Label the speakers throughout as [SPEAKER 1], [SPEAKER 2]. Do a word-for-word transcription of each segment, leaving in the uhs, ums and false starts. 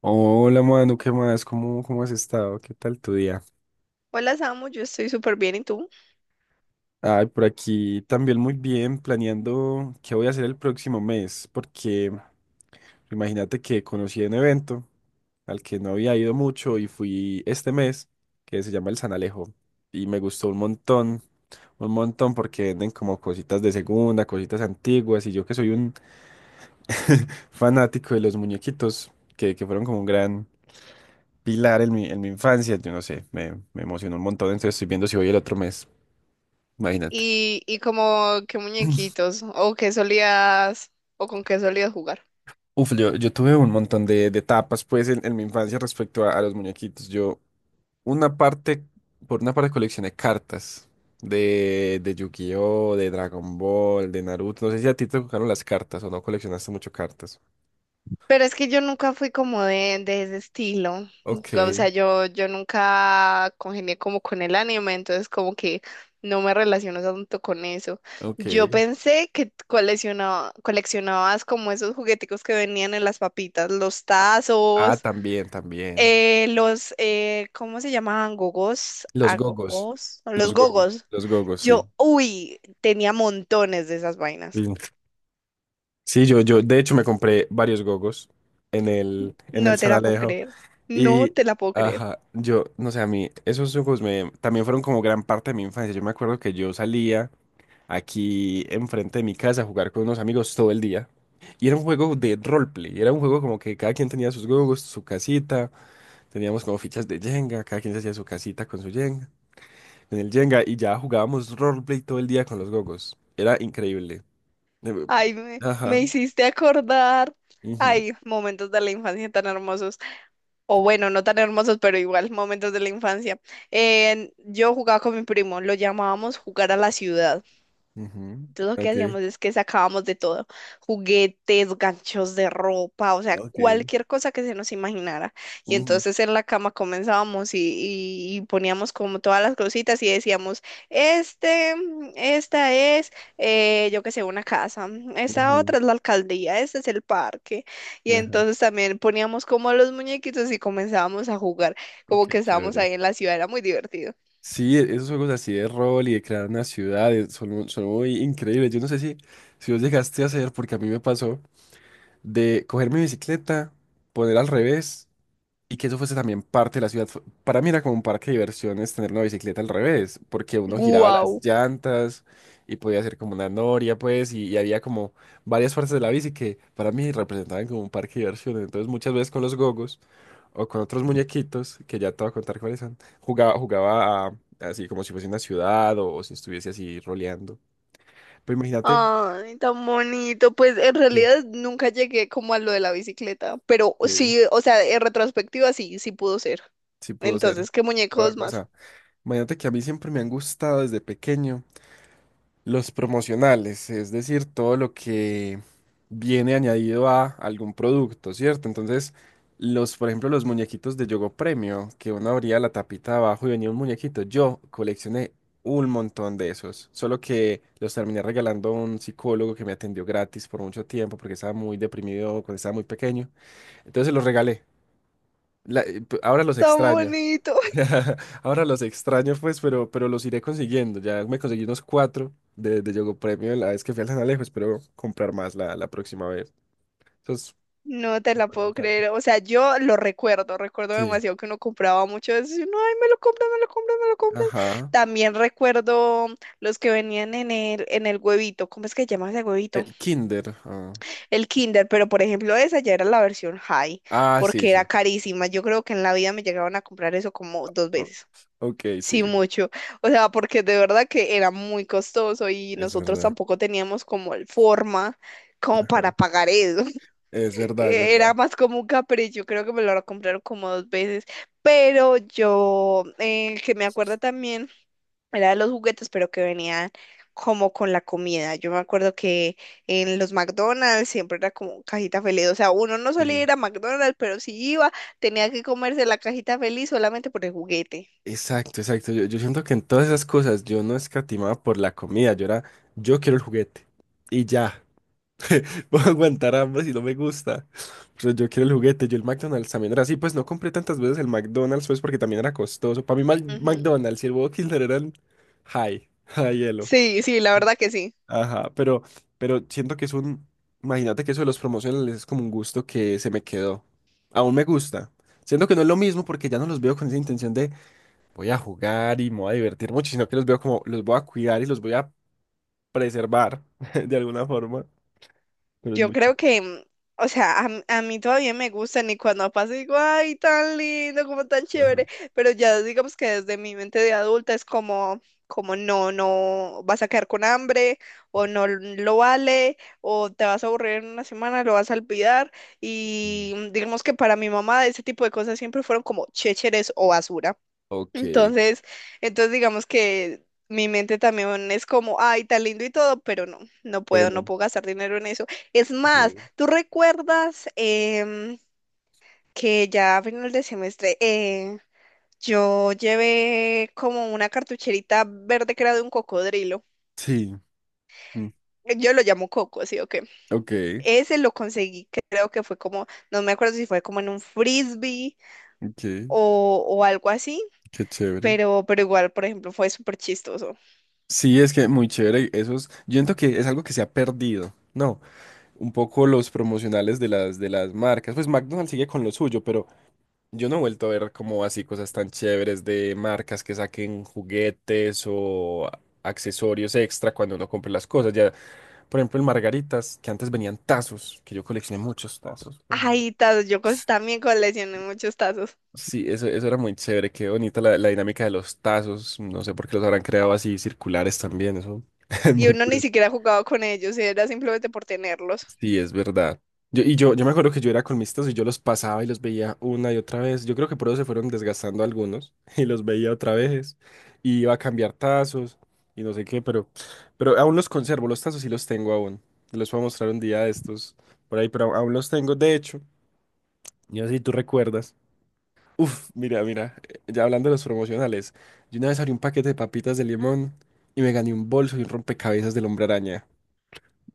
[SPEAKER 1] Hola, Manu, ¿qué más? ¿Cómo, cómo has estado? ¿Qué tal tu día?
[SPEAKER 2] Hola Samu, yo estoy súper bien, ¿y tú?
[SPEAKER 1] Ay, por aquí también muy bien, planeando qué voy a hacer el próximo mes, porque imagínate que conocí un evento al que no había ido mucho y fui este mes, que se llama el San Alejo, y me gustó un montón, un montón porque venden como cositas de segunda, cositas antiguas, y yo que soy un fanático de los muñequitos, que, que fueron como un gran, Pilar en mi, en mi infancia, yo no sé, me, me emocionó un montón, entonces estoy viendo si voy el otro mes, imagínate.
[SPEAKER 2] ¿Y, y como qué muñequitos? ¿O qué solías, o con qué solías jugar?
[SPEAKER 1] Uf, yo, yo tuve un montón de, de etapas pues en, en mi infancia respecto a, a los muñequitos. Yo, una parte, por una parte coleccioné cartas de, de Yu-Gi-Oh, de Dragon Ball, de Naruto. No sé si a ti te tocaron las cartas o no coleccionaste mucho cartas.
[SPEAKER 2] Pero es que yo nunca fui como de, de ese estilo,
[SPEAKER 1] Ok,
[SPEAKER 2] o sea, yo, yo nunca congenié como con el anime, entonces como que no me relaciono tanto con eso.
[SPEAKER 1] ok.
[SPEAKER 2] Yo pensé que coleccionaba, coleccionabas como esos jugueticos que venían en las papitas, los
[SPEAKER 1] Ah,
[SPEAKER 2] tazos.
[SPEAKER 1] también, también.
[SPEAKER 2] Eh, los, eh, ¿cómo se llamaban? Gogos,
[SPEAKER 1] Los gogos.
[SPEAKER 2] agogos, no, los
[SPEAKER 1] Los gogos,
[SPEAKER 2] gogos.
[SPEAKER 1] los gogos, sí.
[SPEAKER 2] Yo, uy, tenía montones de esas
[SPEAKER 1] Sí.
[SPEAKER 2] vainas.
[SPEAKER 1] Sí, yo, yo, de hecho me compré varios gogos en el, en el
[SPEAKER 2] No te
[SPEAKER 1] San
[SPEAKER 2] la puedo
[SPEAKER 1] Alejo
[SPEAKER 2] creer. No
[SPEAKER 1] y,
[SPEAKER 2] te la puedo creer.
[SPEAKER 1] ajá, yo, no sé, a mí esos gogos me, también fueron como gran parte de mi infancia. Yo me acuerdo que yo salía aquí enfrente de mi casa a jugar con unos amigos todo el día y era un juego de roleplay, era un juego como que cada quien tenía sus gogos, su casita, teníamos como fichas de Jenga, cada quien se hacía su casita con su Jenga, en el Jenga y ya jugábamos roleplay todo el día con los gogos. Era increíble. Eh,
[SPEAKER 2] Ay, me, me
[SPEAKER 1] Ajá.
[SPEAKER 2] hiciste acordar.
[SPEAKER 1] Ujú.
[SPEAKER 2] Ay, momentos de la infancia tan hermosos. O bueno, no tan hermosos, pero igual, momentos de la infancia. En- yo jugaba con mi primo, lo llamábamos jugar a la ciudad.
[SPEAKER 1] Ujú.
[SPEAKER 2] Entonces lo que
[SPEAKER 1] Ok.
[SPEAKER 2] hacíamos es que sacábamos de todo, juguetes, ganchos de ropa, o sea,
[SPEAKER 1] Ok.
[SPEAKER 2] cualquier cosa que se nos imaginara. Y
[SPEAKER 1] Ujú.
[SPEAKER 2] entonces en la cama comenzábamos y, y- y poníamos como todas las cositas y decíamos, este, mm, esta es, eh, yo qué sé, una casa, mm, esta
[SPEAKER 1] Ujú.
[SPEAKER 2] otra es la alcaldía, este es el parque. Y
[SPEAKER 1] Ajá,
[SPEAKER 2] entonces también poníamos como los muñequitos y comenzábamos a jugar,
[SPEAKER 1] ok,
[SPEAKER 2] como
[SPEAKER 1] qué
[SPEAKER 2] que estábamos
[SPEAKER 1] chévere.
[SPEAKER 2] ahí en la ciudad, era muy divertido.
[SPEAKER 1] Sí, e- esos juegos así de rol y de crear una ciudad, eh, son, mu- son muy increíbles. Yo no sé si, si vos llegaste a hacer, porque a mí me pasó, de coger mi bicicleta, poner al revés. Y que eso fuese también parte de la ciudad. Fue- Para mí era como un parque de diversiones tener una bicicleta al revés, porque uno giraba las
[SPEAKER 2] ¡Guau!
[SPEAKER 1] llantas y podía hacer como una noria, pues, y, y había como varias partes de la bici que para mí representaban como un parque de diversiones. Entonces muchas veces con los gogos o con otros muñequitos, que ya te voy a contar cuáles son, jugaba, jugaba a- así como si fuese una ciudad o, o si estuviese así roleando. Pero imagínate,
[SPEAKER 2] Ay, tan bonito. Pues en
[SPEAKER 1] sí,
[SPEAKER 2] realidad nunca llegué como a lo de la bicicleta, pero
[SPEAKER 1] que
[SPEAKER 2] sí, o sea, en retrospectiva sí, sí pudo ser.
[SPEAKER 1] sí pudo ser.
[SPEAKER 2] Entonces, ¿qué
[SPEAKER 1] Pudo haber
[SPEAKER 2] muñecos más?
[SPEAKER 1] pasado. Imagínate que a mí siempre me han gustado desde pequeño. Los promocionales, es decir, todo lo que viene añadido a algún producto, ¿cierto? Entonces, los, por ejemplo, los muñequitos de Yogo Premio, que uno abría la tapita de abajo y venía un muñequito. Yo coleccioné un montón de esos, solo que los terminé regalando a un psicólogo que me atendió gratis por mucho tiempo porque estaba muy deprimido cuando estaba muy pequeño. Entonces se los regalé. La- eh, ahora los
[SPEAKER 2] Tan
[SPEAKER 1] extraño.
[SPEAKER 2] bonito.
[SPEAKER 1] Ahora los extraño, pues, pero, pero los iré consiguiendo. Ya me conseguí unos cuatro de, de Yogo Premio la vez que fui al San Alejo. Espero comprar más la, la próxima vez. Esos-
[SPEAKER 2] No te la puedo creer. O sea, yo lo recuerdo, recuerdo
[SPEAKER 1] Sí.
[SPEAKER 2] demasiado que uno compraba mucho de eso. Y uno, ay, me lo compras, me lo compras, me lo compras.
[SPEAKER 1] Ajá.
[SPEAKER 2] También recuerdo los que venían en el, en el huevito. ¿Cómo es que se llama ese huevito?
[SPEAKER 1] El Kinder. Ah,
[SPEAKER 2] El Kinder, pero por ejemplo esa ya era la versión high,
[SPEAKER 1] ah, sí,
[SPEAKER 2] porque era
[SPEAKER 1] sí.
[SPEAKER 2] carísima. Yo creo que en la vida me llegaban a comprar eso como dos
[SPEAKER 1] O-
[SPEAKER 2] veces.
[SPEAKER 1] ok,
[SPEAKER 2] Sí,
[SPEAKER 1] sí.
[SPEAKER 2] mucho. O sea, porque de verdad que era muy costoso y
[SPEAKER 1] Es
[SPEAKER 2] nosotros
[SPEAKER 1] verdad.
[SPEAKER 2] tampoco teníamos como el forma como para
[SPEAKER 1] Ajá.
[SPEAKER 2] pagar eso.
[SPEAKER 1] Es verdad, es
[SPEAKER 2] Era
[SPEAKER 1] verdad.
[SPEAKER 2] más como un capricho, creo que me lo compraron como dos veces. Pero yo, eh, que me acuerdo también era de los juguetes, pero que venían como con la comida. Yo me acuerdo que en los McDonald's siempre era como cajita feliz. O sea, uno no solía
[SPEAKER 1] Sí.
[SPEAKER 2] ir a McDonald's, pero si iba, tenía que comerse la cajita feliz solamente por el juguete.
[SPEAKER 1] Exacto, exacto. Yo, yo siento que en todas esas cosas yo no escatimaba por la comida. Yo era, yo quiero el juguete. Y ya. Voy a aguantar hambre si no me gusta. Pero yo quiero el juguete. Yo el McDonald's también era así. Pues no compré tantas veces el McDonald's, pues porque también era costoso. Para mí, Mac-
[SPEAKER 2] Ujú.
[SPEAKER 1] McDonald's y el Burger King eran high, high hielo.
[SPEAKER 2] Sí, sí, la verdad que sí.
[SPEAKER 1] Ajá, pero, pero siento que es un. Imagínate que eso de los promocionales es como un gusto que se me quedó. Aún me gusta. Siento que no es lo mismo porque ya no los veo con esa intención de voy a jugar y me voy a divertir mucho, sino que los veo como los voy a cuidar y los voy a preservar de alguna forma. Pero es
[SPEAKER 2] Yo
[SPEAKER 1] muy
[SPEAKER 2] creo
[SPEAKER 1] chido.
[SPEAKER 2] que, mm, o sea, a, m- a mí todavía me gustan y cuando pasa digo, ay, tan lindo, como tan
[SPEAKER 1] Ajá.
[SPEAKER 2] chévere, pero ya digamos que desde mi mente de adulta es como, como no, no vas a quedar con hambre o no l- lo vale o te vas a aburrir en una semana, lo vas a olvidar y mm, digamos que para mi mamá ese tipo de cosas siempre fueron como chécheres o basura.
[SPEAKER 1] Ok.
[SPEAKER 2] Entonces, entonces digamos que mi mente también es como, ay, tan lindo y todo, pero no, no
[SPEAKER 1] Pero
[SPEAKER 2] puedo, no
[SPEAKER 1] no.
[SPEAKER 2] puedo gastar dinero en eso. Es más,
[SPEAKER 1] Ok.
[SPEAKER 2] ¿tú recuerdas em, que ya a final de semestre eh, yo llevé como una cartucherita verde que era de un cocodrilo?
[SPEAKER 1] Sí, mm,
[SPEAKER 2] Yo lo llamo coco, ¿sí o qué?
[SPEAKER 1] ok,
[SPEAKER 2] Ese lo conseguí, creo que fue como, no me acuerdo si fue como en un frisbee
[SPEAKER 1] ok,
[SPEAKER 2] o, o algo así,
[SPEAKER 1] qué chévere.
[SPEAKER 2] pero, pero igual, por ejemplo, fue súper chistoso.
[SPEAKER 1] Sí, es que muy chévere. Esos, yo siento que es algo que se ha perdido, ¿no? Un poco los promocionales de las, de las marcas. Pues McDonald's sigue con lo suyo, pero yo no he vuelto a ver como así cosas tan chéveres de marcas que saquen juguetes o a- accesorios extra cuando uno compre las cosas. Ya, por ejemplo, en Margaritas, que antes venían tazos, que yo coleccioné muchos tazos, pero
[SPEAKER 2] Ay, tazos, yo cos- también coleccioné muchos tazos.
[SPEAKER 1] sí, eso, eso era muy chévere, qué bonita la, la dinámica de los tazos, no sé por qué los habrán creado así circulares también, eso es
[SPEAKER 2] Y
[SPEAKER 1] muy
[SPEAKER 2] uno ni
[SPEAKER 1] curioso.
[SPEAKER 2] siquiera jugaba con ellos, era simplemente por tenerlos.
[SPEAKER 1] Sí, es verdad. Yo, y yo, yo me acuerdo que yo era con mis tazos y yo los pasaba y los veía una y otra vez. Yo creo que por eso se fueron desgastando algunos y los veía otra vez. Y iba a cambiar tazos y no sé qué, pero, pero aún los conservo, los tazos sí los tengo aún. Los voy a mostrar un día de estos por ahí, pero aún los tengo, de hecho. Y así tú recuerdas. Uf, mira, mira, eh, ya hablando de los promocionales, yo una vez abrí un paquete de papitas de limón y me gané un bolso y un rompecabezas del Hombre Araña.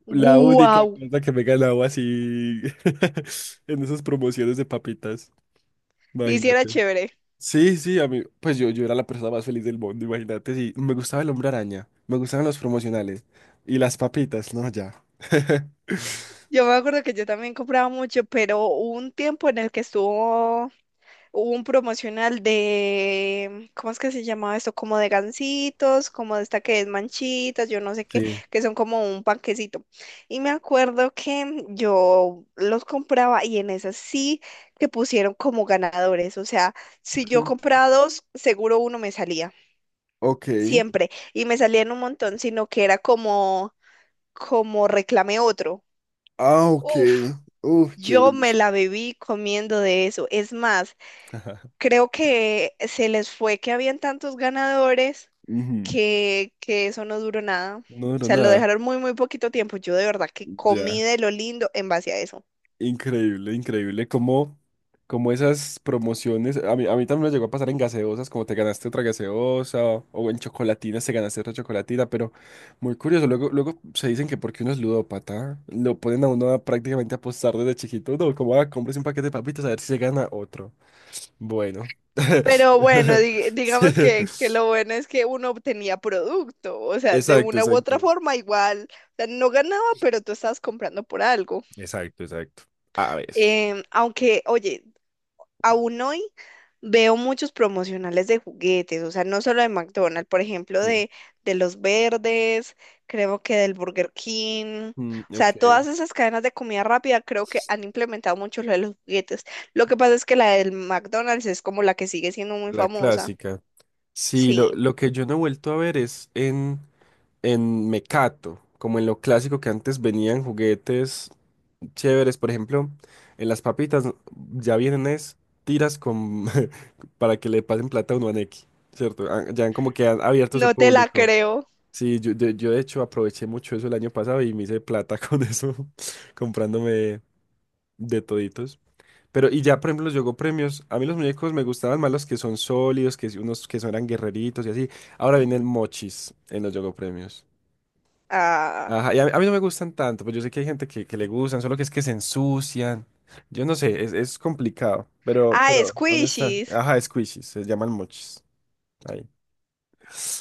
[SPEAKER 1] La única
[SPEAKER 2] ¡Guau!
[SPEAKER 1] cosa que me he ganado así en esas promociones de papitas,
[SPEAKER 2] Y sí era
[SPEAKER 1] imagínate.
[SPEAKER 2] chévere.
[SPEAKER 1] Sí, sí, a mí, pues yo, yo era la persona más feliz del mundo, imagínate, sí, me gustaba el Hombre Araña, me gustaban los promocionales y las papitas, no, ya.
[SPEAKER 2] Yo me acuerdo que yo también compraba mucho, pero hubo un tiempo en el que estuvo. Hubo un promocional de, ¿cómo es que se llamaba esto? Como de gansitos, como de esta que es manchitas, yo no sé qué,
[SPEAKER 1] Sí.
[SPEAKER 2] que son como un panquecito. Y me acuerdo que yo los compraba y en esas sí que pusieron como ganadores. O sea, si yo compraba dos, seguro uno me salía,
[SPEAKER 1] Ok.
[SPEAKER 2] siempre. Y me salían un montón, sino que era como, como reclame otro.
[SPEAKER 1] Ah, ok.
[SPEAKER 2] Uf,
[SPEAKER 1] Uf, qué
[SPEAKER 2] yo me
[SPEAKER 1] bendición.
[SPEAKER 2] la viví comiendo de eso. Es más,
[SPEAKER 1] Ajá.
[SPEAKER 2] creo que se les fue que habían tantos ganadores
[SPEAKER 1] Ujú.
[SPEAKER 2] que, que eso no duró nada. O
[SPEAKER 1] No duró
[SPEAKER 2] sea, lo
[SPEAKER 1] nada,
[SPEAKER 2] dejaron muy, muy poquito tiempo. Yo de verdad que comí
[SPEAKER 1] ya.
[SPEAKER 2] de lo lindo en base a eso.
[SPEAKER 1] Increíble, increíble. Como, como esas promociones, a mí, a mí también me llegó a pasar en gaseosas, como te ganaste otra gaseosa, o en chocolatinas te ganaste otra chocolatina, pero muy curioso. Luego, luego se dicen que porque uno es ludópata, lo ponen a uno a prácticamente apostar desde chiquito. No, como a compres un paquete de papitas a ver si se gana otro. Bueno.
[SPEAKER 2] Pero bueno, di-
[SPEAKER 1] Sí.
[SPEAKER 2] digamos que, que lo bueno es que uno obtenía producto, o sea, de
[SPEAKER 1] Exacto,
[SPEAKER 2] una u otra
[SPEAKER 1] exacto.
[SPEAKER 2] forma igual, o sea, no ganaba, pero tú estabas comprando por algo.
[SPEAKER 1] Exacto, exacto. A ver.
[SPEAKER 2] Em, aunque, oye, aún hoy veo muchos promocionales de juguetes, o sea, no solo de McDonald's, por ejemplo,
[SPEAKER 1] Sí.
[SPEAKER 2] de, de los verdes, creo que del Burger King, o
[SPEAKER 1] Mm,
[SPEAKER 2] sea,
[SPEAKER 1] ok.
[SPEAKER 2] todas esas cadenas de comida rápida creo que han implementado mucho lo de los juguetes. Lo que pasa es que la del McDonald's es como la que sigue siendo muy
[SPEAKER 1] La
[SPEAKER 2] famosa.
[SPEAKER 1] clásica. Sí, lo,
[SPEAKER 2] Sí,
[SPEAKER 1] lo que yo no he vuelto a ver es en, en Mecato, como en lo clásico que antes venían juguetes chéveres, por ejemplo, en las papitas ya vienen es tiras con para que le pasen plata a uno a Nequi, ¿cierto? Ah, ya han como que han abierto su
[SPEAKER 2] no te la
[SPEAKER 1] público.
[SPEAKER 2] creo.
[SPEAKER 1] Sí, yo, de- yo de hecho aproveché mucho eso el año pasado y me hice plata con eso, comprándome de toditos. Pero, y ya, por ejemplo, los Yogo Premios, a mí los muñecos me gustaban más los que son sólidos, que si- unos que son eran guerreritos y así. Ahora vienen
[SPEAKER 2] Ujú.
[SPEAKER 1] mochis en los Yogo Premios.
[SPEAKER 2] Ah,
[SPEAKER 1] Ajá, y a, mí a mí no me gustan tanto, pues yo sé que hay gente que, que le gustan, solo que es que se ensucian. Yo no sé, es, es complicado. Pero,
[SPEAKER 2] ah,
[SPEAKER 1] pero, ¿dónde están?
[SPEAKER 2] squishies.
[SPEAKER 1] Ajá, squishies, se llaman mochis. Ahí.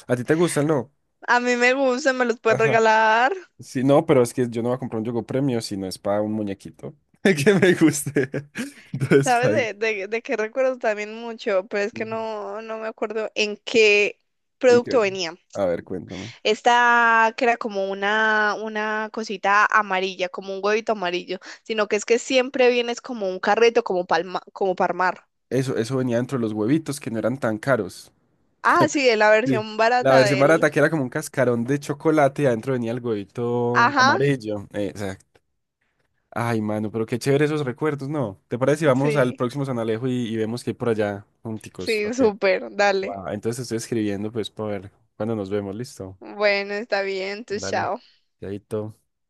[SPEAKER 1] ¿A ti te gustan, no?
[SPEAKER 2] A mí me gustan, me los puedes
[SPEAKER 1] Ajá.
[SPEAKER 2] regalar.
[SPEAKER 1] Sí, no, pero es que yo no voy a comprar un Yogo Premio si no es para un muñequito que me guste. Entonces,
[SPEAKER 2] ¿Sabes
[SPEAKER 1] fine.
[SPEAKER 2] de, de, de qué recuerdo también mucho? Pero es que
[SPEAKER 1] Ujú.
[SPEAKER 2] no, no me acuerdo en qué
[SPEAKER 1] ¿En qué?
[SPEAKER 2] producto venía.
[SPEAKER 1] A ver, cuéntame.
[SPEAKER 2] Esta que era como una, una cosita amarilla, como un huevito amarillo, sino que es que siempre vienes como un carrito, como palma, como Parmar.
[SPEAKER 1] Eso, eso venía dentro de los huevitos que no eran tan caros.
[SPEAKER 2] Ah, sí, de la
[SPEAKER 1] Sí.
[SPEAKER 2] versión
[SPEAKER 1] La
[SPEAKER 2] barata
[SPEAKER 1] versión
[SPEAKER 2] del...
[SPEAKER 1] barata que era como un cascarón de chocolate y adentro venía el huevito
[SPEAKER 2] Ajá,
[SPEAKER 1] amarillo. Eh, Exacto. Ay, mano, pero qué chévere esos recuerdos, ¿no? ¿Te parece si vamos al
[SPEAKER 2] sí,
[SPEAKER 1] próximo San Alejo y, y vemos que hay por allá junticos?
[SPEAKER 2] sí,
[SPEAKER 1] Ok.
[SPEAKER 2] súper, dale.
[SPEAKER 1] Va, entonces te estoy escribiendo pues para ver cuándo nos vemos, listo.
[SPEAKER 2] Bueno, está bien, entonces
[SPEAKER 1] Dale.
[SPEAKER 2] chao.
[SPEAKER 1] Chaito.